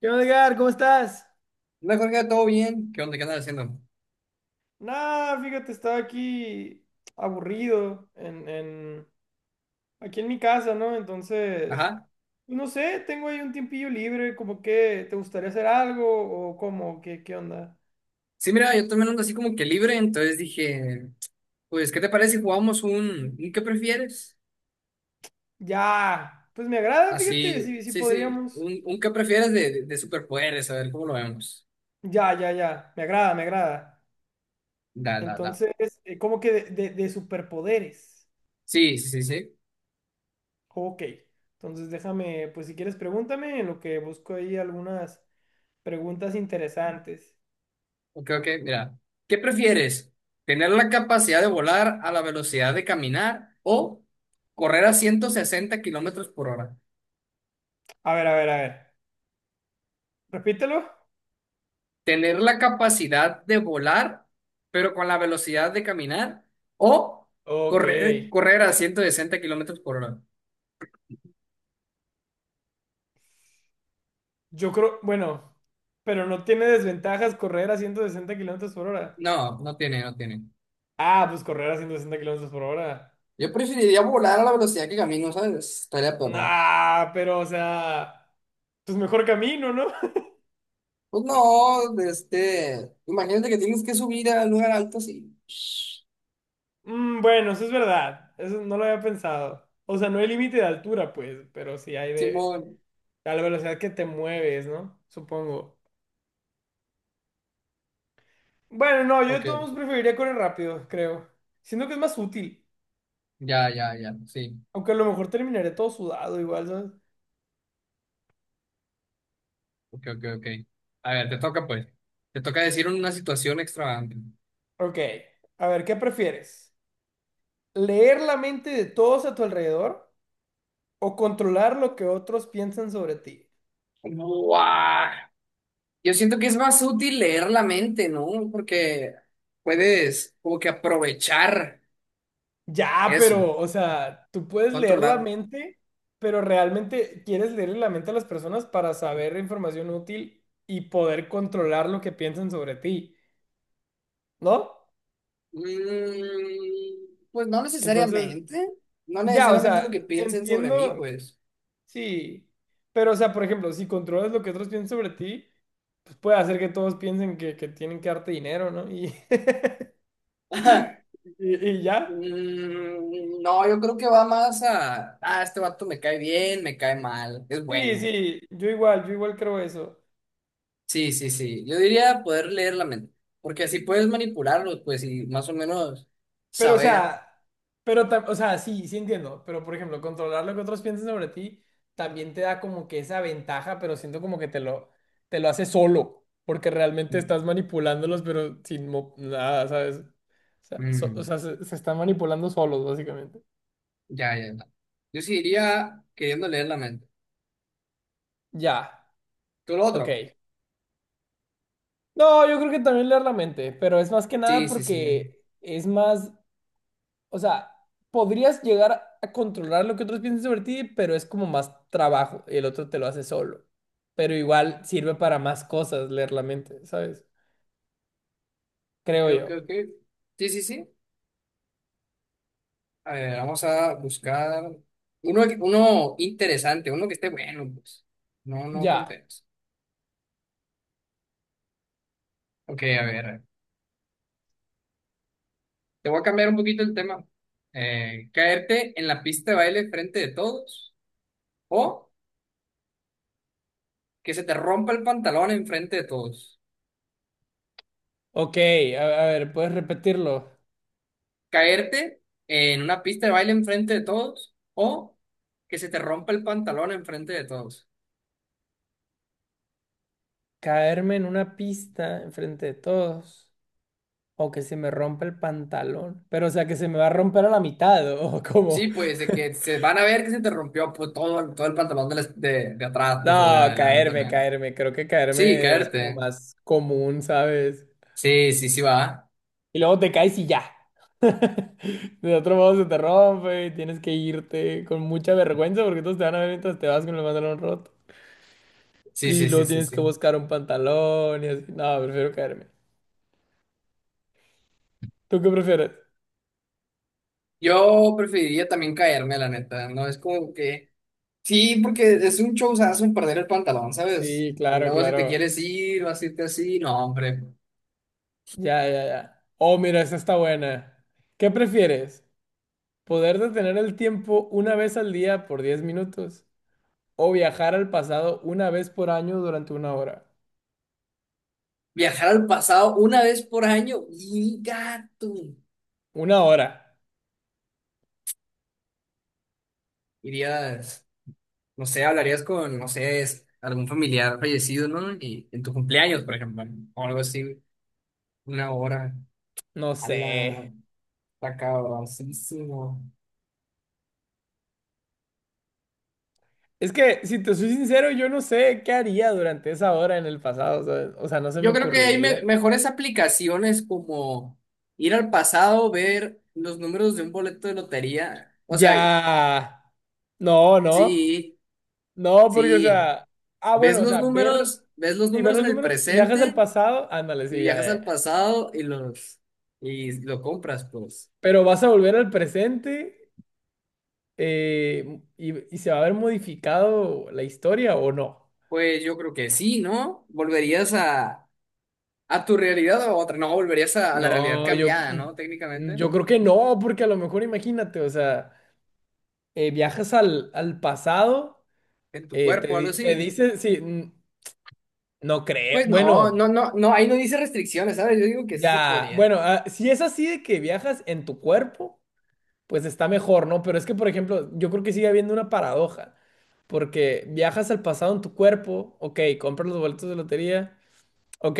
¿Qué onda, Edgar? ¿Cómo estás? No, Jorge, todo bien. ¿Qué onda? ¿Qué andas haciendo? Nada, fíjate, estaba aquí aburrido aquí en mi casa, ¿no? Entonces, Ajá. pues, no sé, tengo ahí un tiempillo libre, como que te gustaría hacer algo o cómo, qué onda. Sí, mira, yo también ando así como que libre, entonces dije, pues, ¿qué te parece si jugamos un qué prefieres? Ya, pues me agrada, fíjate, Así, si sí, sí, podríamos. un qué prefieres de superpoderes, a ver cómo lo vemos. Ya, ya, ya, me agrada, me agrada. Da, da, da. Entonces, como que de superpoderes. Sí, sí, sí, sí. Ok, entonces déjame, pues si quieres pregúntame en lo que busco ahí algunas preguntas interesantes. Ok, ok, mira. ¿Qué prefieres? ¿Tener la capacidad de volar a la velocidad de caminar o correr a 160 km/h? A ver, a ver, a ver. Repítelo. Tener la capacidad de volar, pero con la velocidad de caminar, o Ok. correr a 160 km/h. Yo creo, bueno, pero no tiene desventajas correr a 160 kilómetros por hora. No, no tiene, no tiene. Ah, pues correr a 160 kilómetros por hora. Yo preferiría volar a la velocidad que camino, ¿sabes? Estaría perro. Nah, pero o sea, pues mejor camino, ¿no? Pues no, este, imagínate que tienes que subir a un lugar alto así. Bueno, eso es verdad. Eso no lo había pensado. O sea, no hay límite de altura, pues, pero sí hay de Simón. a la velocidad que te mueves, ¿no? Supongo. Bueno, no, yo de Ok, todos modos preferiría correr rápido, creo. Siento que es más útil. ya, ya, ya, sí. Aunque a lo mejor terminaré todo sudado igual, ¿sabes? Ok, ok, ok. A ver, te toca pues. Te toca decir una situación extravagante. Ok, a ver, ¿qué prefieres? ¿Leer la mente de todos a tu alrededor o controlar lo que otros piensan sobre ti? ¡Guau! Yo siento que es más útil leer la mente, ¿no? Porque puedes como que aprovechar Ya, eso, pero, o sea, tú puedes leer la controlar. mente, pero realmente quieres leer la mente a las personas para saber información útil y poder controlar lo que piensan sobre ti, ¿no? Pues no Entonces, necesariamente, no ya, o necesariamente sea, lo que piensen sobre mí, entiendo, pues. sí, pero, o sea, por ejemplo, si controlas lo que otros piensan sobre ti, pues puede hacer que todos piensen que tienen que darte dinero, ¿no? Y ¿Y ya? No, yo creo que va más a, ah, este vato me cae bien, me cae mal, es Sí, bueno. sí, yo igual creo eso. Sí, sí, sí. Yo diría poder leer la mente, porque así puedes manipularlos, pues, y más o menos Pero, o saber. sea, pero, o sea, sí, sí entiendo. Pero, por ejemplo, controlar lo que otros piensan sobre ti también te da como que esa ventaja, pero siento como que te lo hace solo, porque realmente estás manipulándolos, pero sin nada, ¿sabes? O sea, o Mm. sea, se están manipulando solos, básicamente. Ya, ya, ya. Yo sí iría queriendo leer la mente. Ya, ¿Tú lo ok. otro? No, yo creo que también leer la mente, pero es más que nada Sí, sí, sí. porque es más. O sea, podrías llegar a controlar lo que otros piensan sobre ti, pero es como más trabajo y el otro te lo hace solo. Pero igual sirve para más cosas leer la mente, ¿sabes? Ok, Creo ok, yo. ok. Sí, sí, sí. A ver, vamos a buscar uno, que- uno interesante, uno que esté bueno, pues. No, no Ya. tonteras. Ok, a ver. Te voy a cambiar un poquito el tema. Caerte en la pista de baile frente de todos o que se te rompa el pantalón en frente de todos. Ok, a ver, puedes repetirlo. Caerte en una pista de baile en frente de todos o que se te rompa el pantalón en frente de todos. Caerme en una pista enfrente de todos. O que se me rompe el pantalón. Pero, o sea, que se me va a romper a la mitad. O como. Sí, pues de que se van a ver que se te rompió pues, todo, todo el pantalón de, la- de atrás, pues, o de No, adelante caerme, también. caerme. Creo que Sí, caerme es como caerte. más común, ¿sabes? Sí, sí, sí va. Y luego te caes y ya. De otro modo se te rompe y tienes que irte con mucha vergüenza porque todos te van a ver mientras te vas con el pantalón roto. Sí, Y sí, sí, luego sí, tienes que sí. buscar un pantalón y así. No, prefiero caerme. ¿Tú qué prefieres? Yo preferiría también caerme, la neta, ¿no? Es como que... Sí, porque es un showzazo en perder el pantalón, ¿sabes? Sí, Y claro, luego si te claro. quieres ir o así, te así, no, hombre. Ya, ya, ya. Oh, mira, esta está buena. ¿Qué prefieres? ¿Poder detener el tiempo una vez al día por 10 minutos? ¿O viajar al pasado una vez por año durante 1 hora? Viajar al pasado una vez por año y gato. 1 hora. Iría. No sé, hablarías con, no sé, es- algún familiar fallecido, ¿no? Y en tu cumpleaños, por ejemplo, o algo así, una hora. No A sé. la está cabroncísimo. Es que, si te soy sincero, yo no sé qué haría durante esa hora en el pasado, ¿sabes? O sea, no se me Yo creo que hay me- ocurriría. mejores aplicaciones como ir al pasado, ver los números de un boleto de lotería. O sea, Ya. No, no. sí, No, porque, o sí. sea. Ah, bueno, o sea, ver Ves los y ver números los en el números, viajas al presente pasado, ándale, y sí, ya, viajas al ya. pasado y los y lo compras, pues. Pero vas a volver al presente y se va a haber modificado la historia o no. Pues yo creo que sí, ¿no? Volverías a tu realidad o a otra. No, volverías a la realidad No, yo, cambiada, ¿no? Técnicamente, yo creo que no, porque a lo mejor imagínate, o sea, viajas al pasado. en tu cuerpo, algo Te así. dice, sí, no creo. Pues no, no, Bueno, no, no, ahí no dice restricciones, ¿sabes? Yo digo que sí se ya, podría. bueno, ah, si es así de que viajas en tu cuerpo, pues está mejor, ¿no? Pero es que, por ejemplo, yo creo que sigue habiendo una paradoja, porque viajas al pasado en tu cuerpo, ok, compras los boletos de lotería, ok,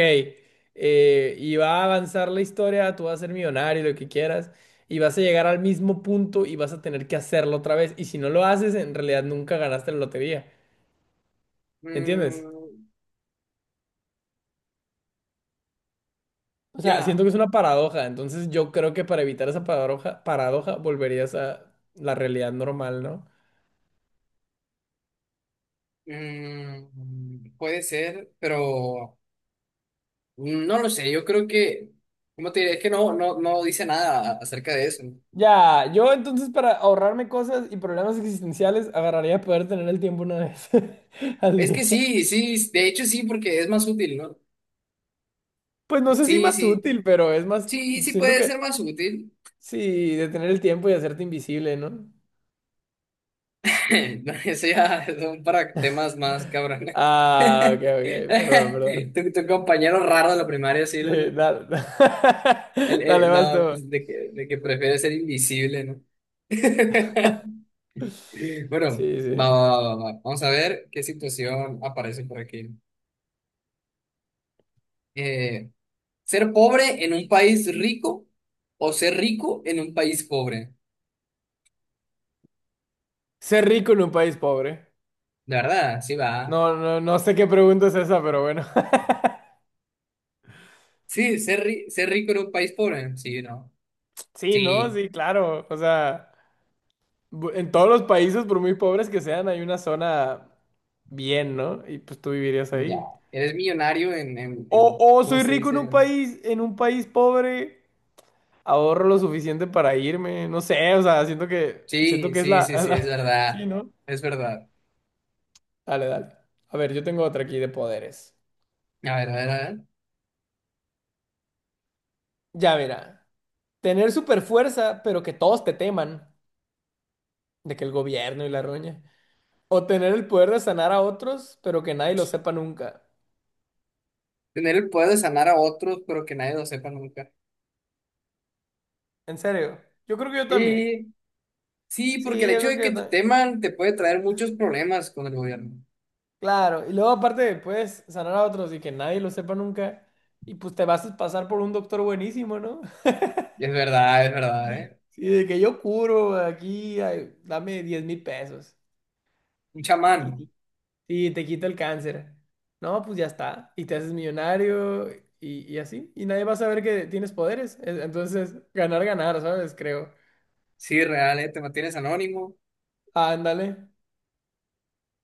y va a avanzar la historia, tú vas a ser millonario, lo que quieras, y vas a llegar al mismo punto y vas a tener que hacerlo otra vez, y si no lo haces, en realidad nunca ganaste la lotería, ¿entiendes? Mm, O sea, siento ya. que es una paradoja, entonces yo creo que para evitar esa paradoja volverías a la realidad normal, ¿no? Mm, puede ser, pero no lo sé. Yo creo que, ¿cómo te diré? Es que no, no, no dice nada acerca de eso. ¿No? Ya, yo entonces para ahorrarme cosas y problemas existenciales agarraría poder tener el tiempo una vez al Es que día. sí, sí, de hecho sí, porque es más útil, ¿no? Pues no sé si Sí, más sí, útil, pero es más, sí, sí siento puede que ser más útil. sí, de tener el tiempo y hacerte invisible, ¿no? Eso ya son para temas más cabrones. Ah, ok, ok, perdón, perdón. Tu compañero raro de la primaria, sí, Sí, lo- dale, dale, el- vas tú. no, pues de que prefiere ser invisible, ¿no? Bueno, Sí, sí. va, va, va, va. Vamos a ver qué situación aparece por aquí. Eh, ¿Ser pobre en un país rico o ser rico en un país pobre? Ser rico en un país pobre. De verdad, sí va. No, no, no sé qué pregunta es esa, pero bueno. Sí, ser, ri- ser rico en un país pobre. Sí, no. Sí, no, Sí, sí, claro. O sea, en todos los países, por muy pobres que sean, hay una zona bien, ¿no? Y pues tú vivirías ya. ahí. Eres millonario O, en- o ¿cómo soy se rico dice? En un país pobre, ahorro lo suficiente para irme. No sé, o sea, siento que, siento Sí, que es sí, la, sí, sí, es la- Sí, verdad. ¿no? Es verdad. Dale, dale. A ver, yo tengo otra aquí de poderes. A ver, a ver, a ver. Ya, mira. Tener super fuerza, pero que todos te teman. De que el gobierno y la roña. O tener el poder de sanar a otros, pero que nadie lo sepa nunca. Tener el poder de sanar a otros, pero que nadie lo sepa nunca. En serio. Yo creo que yo también. Y sí, Sí, porque el yo hecho creo que de yo que te también. teman te puede traer muchos problemas con el gobierno. Claro. Y luego aparte puedes sanar a otros y que nadie lo sepa nunca. Y pues te vas a pasar por un doctor buenísimo, ¿no? Y es verdad, ¿eh? Sí, de que yo curo aquí, ay, dame 10,000 pesos. Un chamán. Y, y te quito el cáncer. No, pues ya está. Y te haces millonario y así. Y nadie va a saber que tienes poderes. Entonces, ganar, ganar, ¿sabes? Creo. Sí, real, ¿eh? Te mantienes anónimo. Ándale.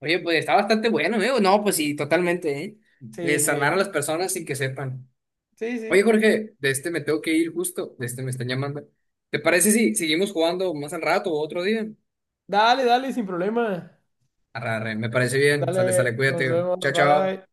Oye, pues está bastante bueno, ¿eh? No, pues sí, totalmente, ¿eh? Sí, sí. Sanar a las personas sin que sepan. Sí, sí. Oye, Jorge, de este me tengo que ir justo. De este me están llamando. ¿Te parece si seguimos jugando más al rato o otro día? Dale, dale, sin problema. Arre, arre, me parece bien. Sale, sale, Dale, nos cuídate. vemos, Chao, chao. bye.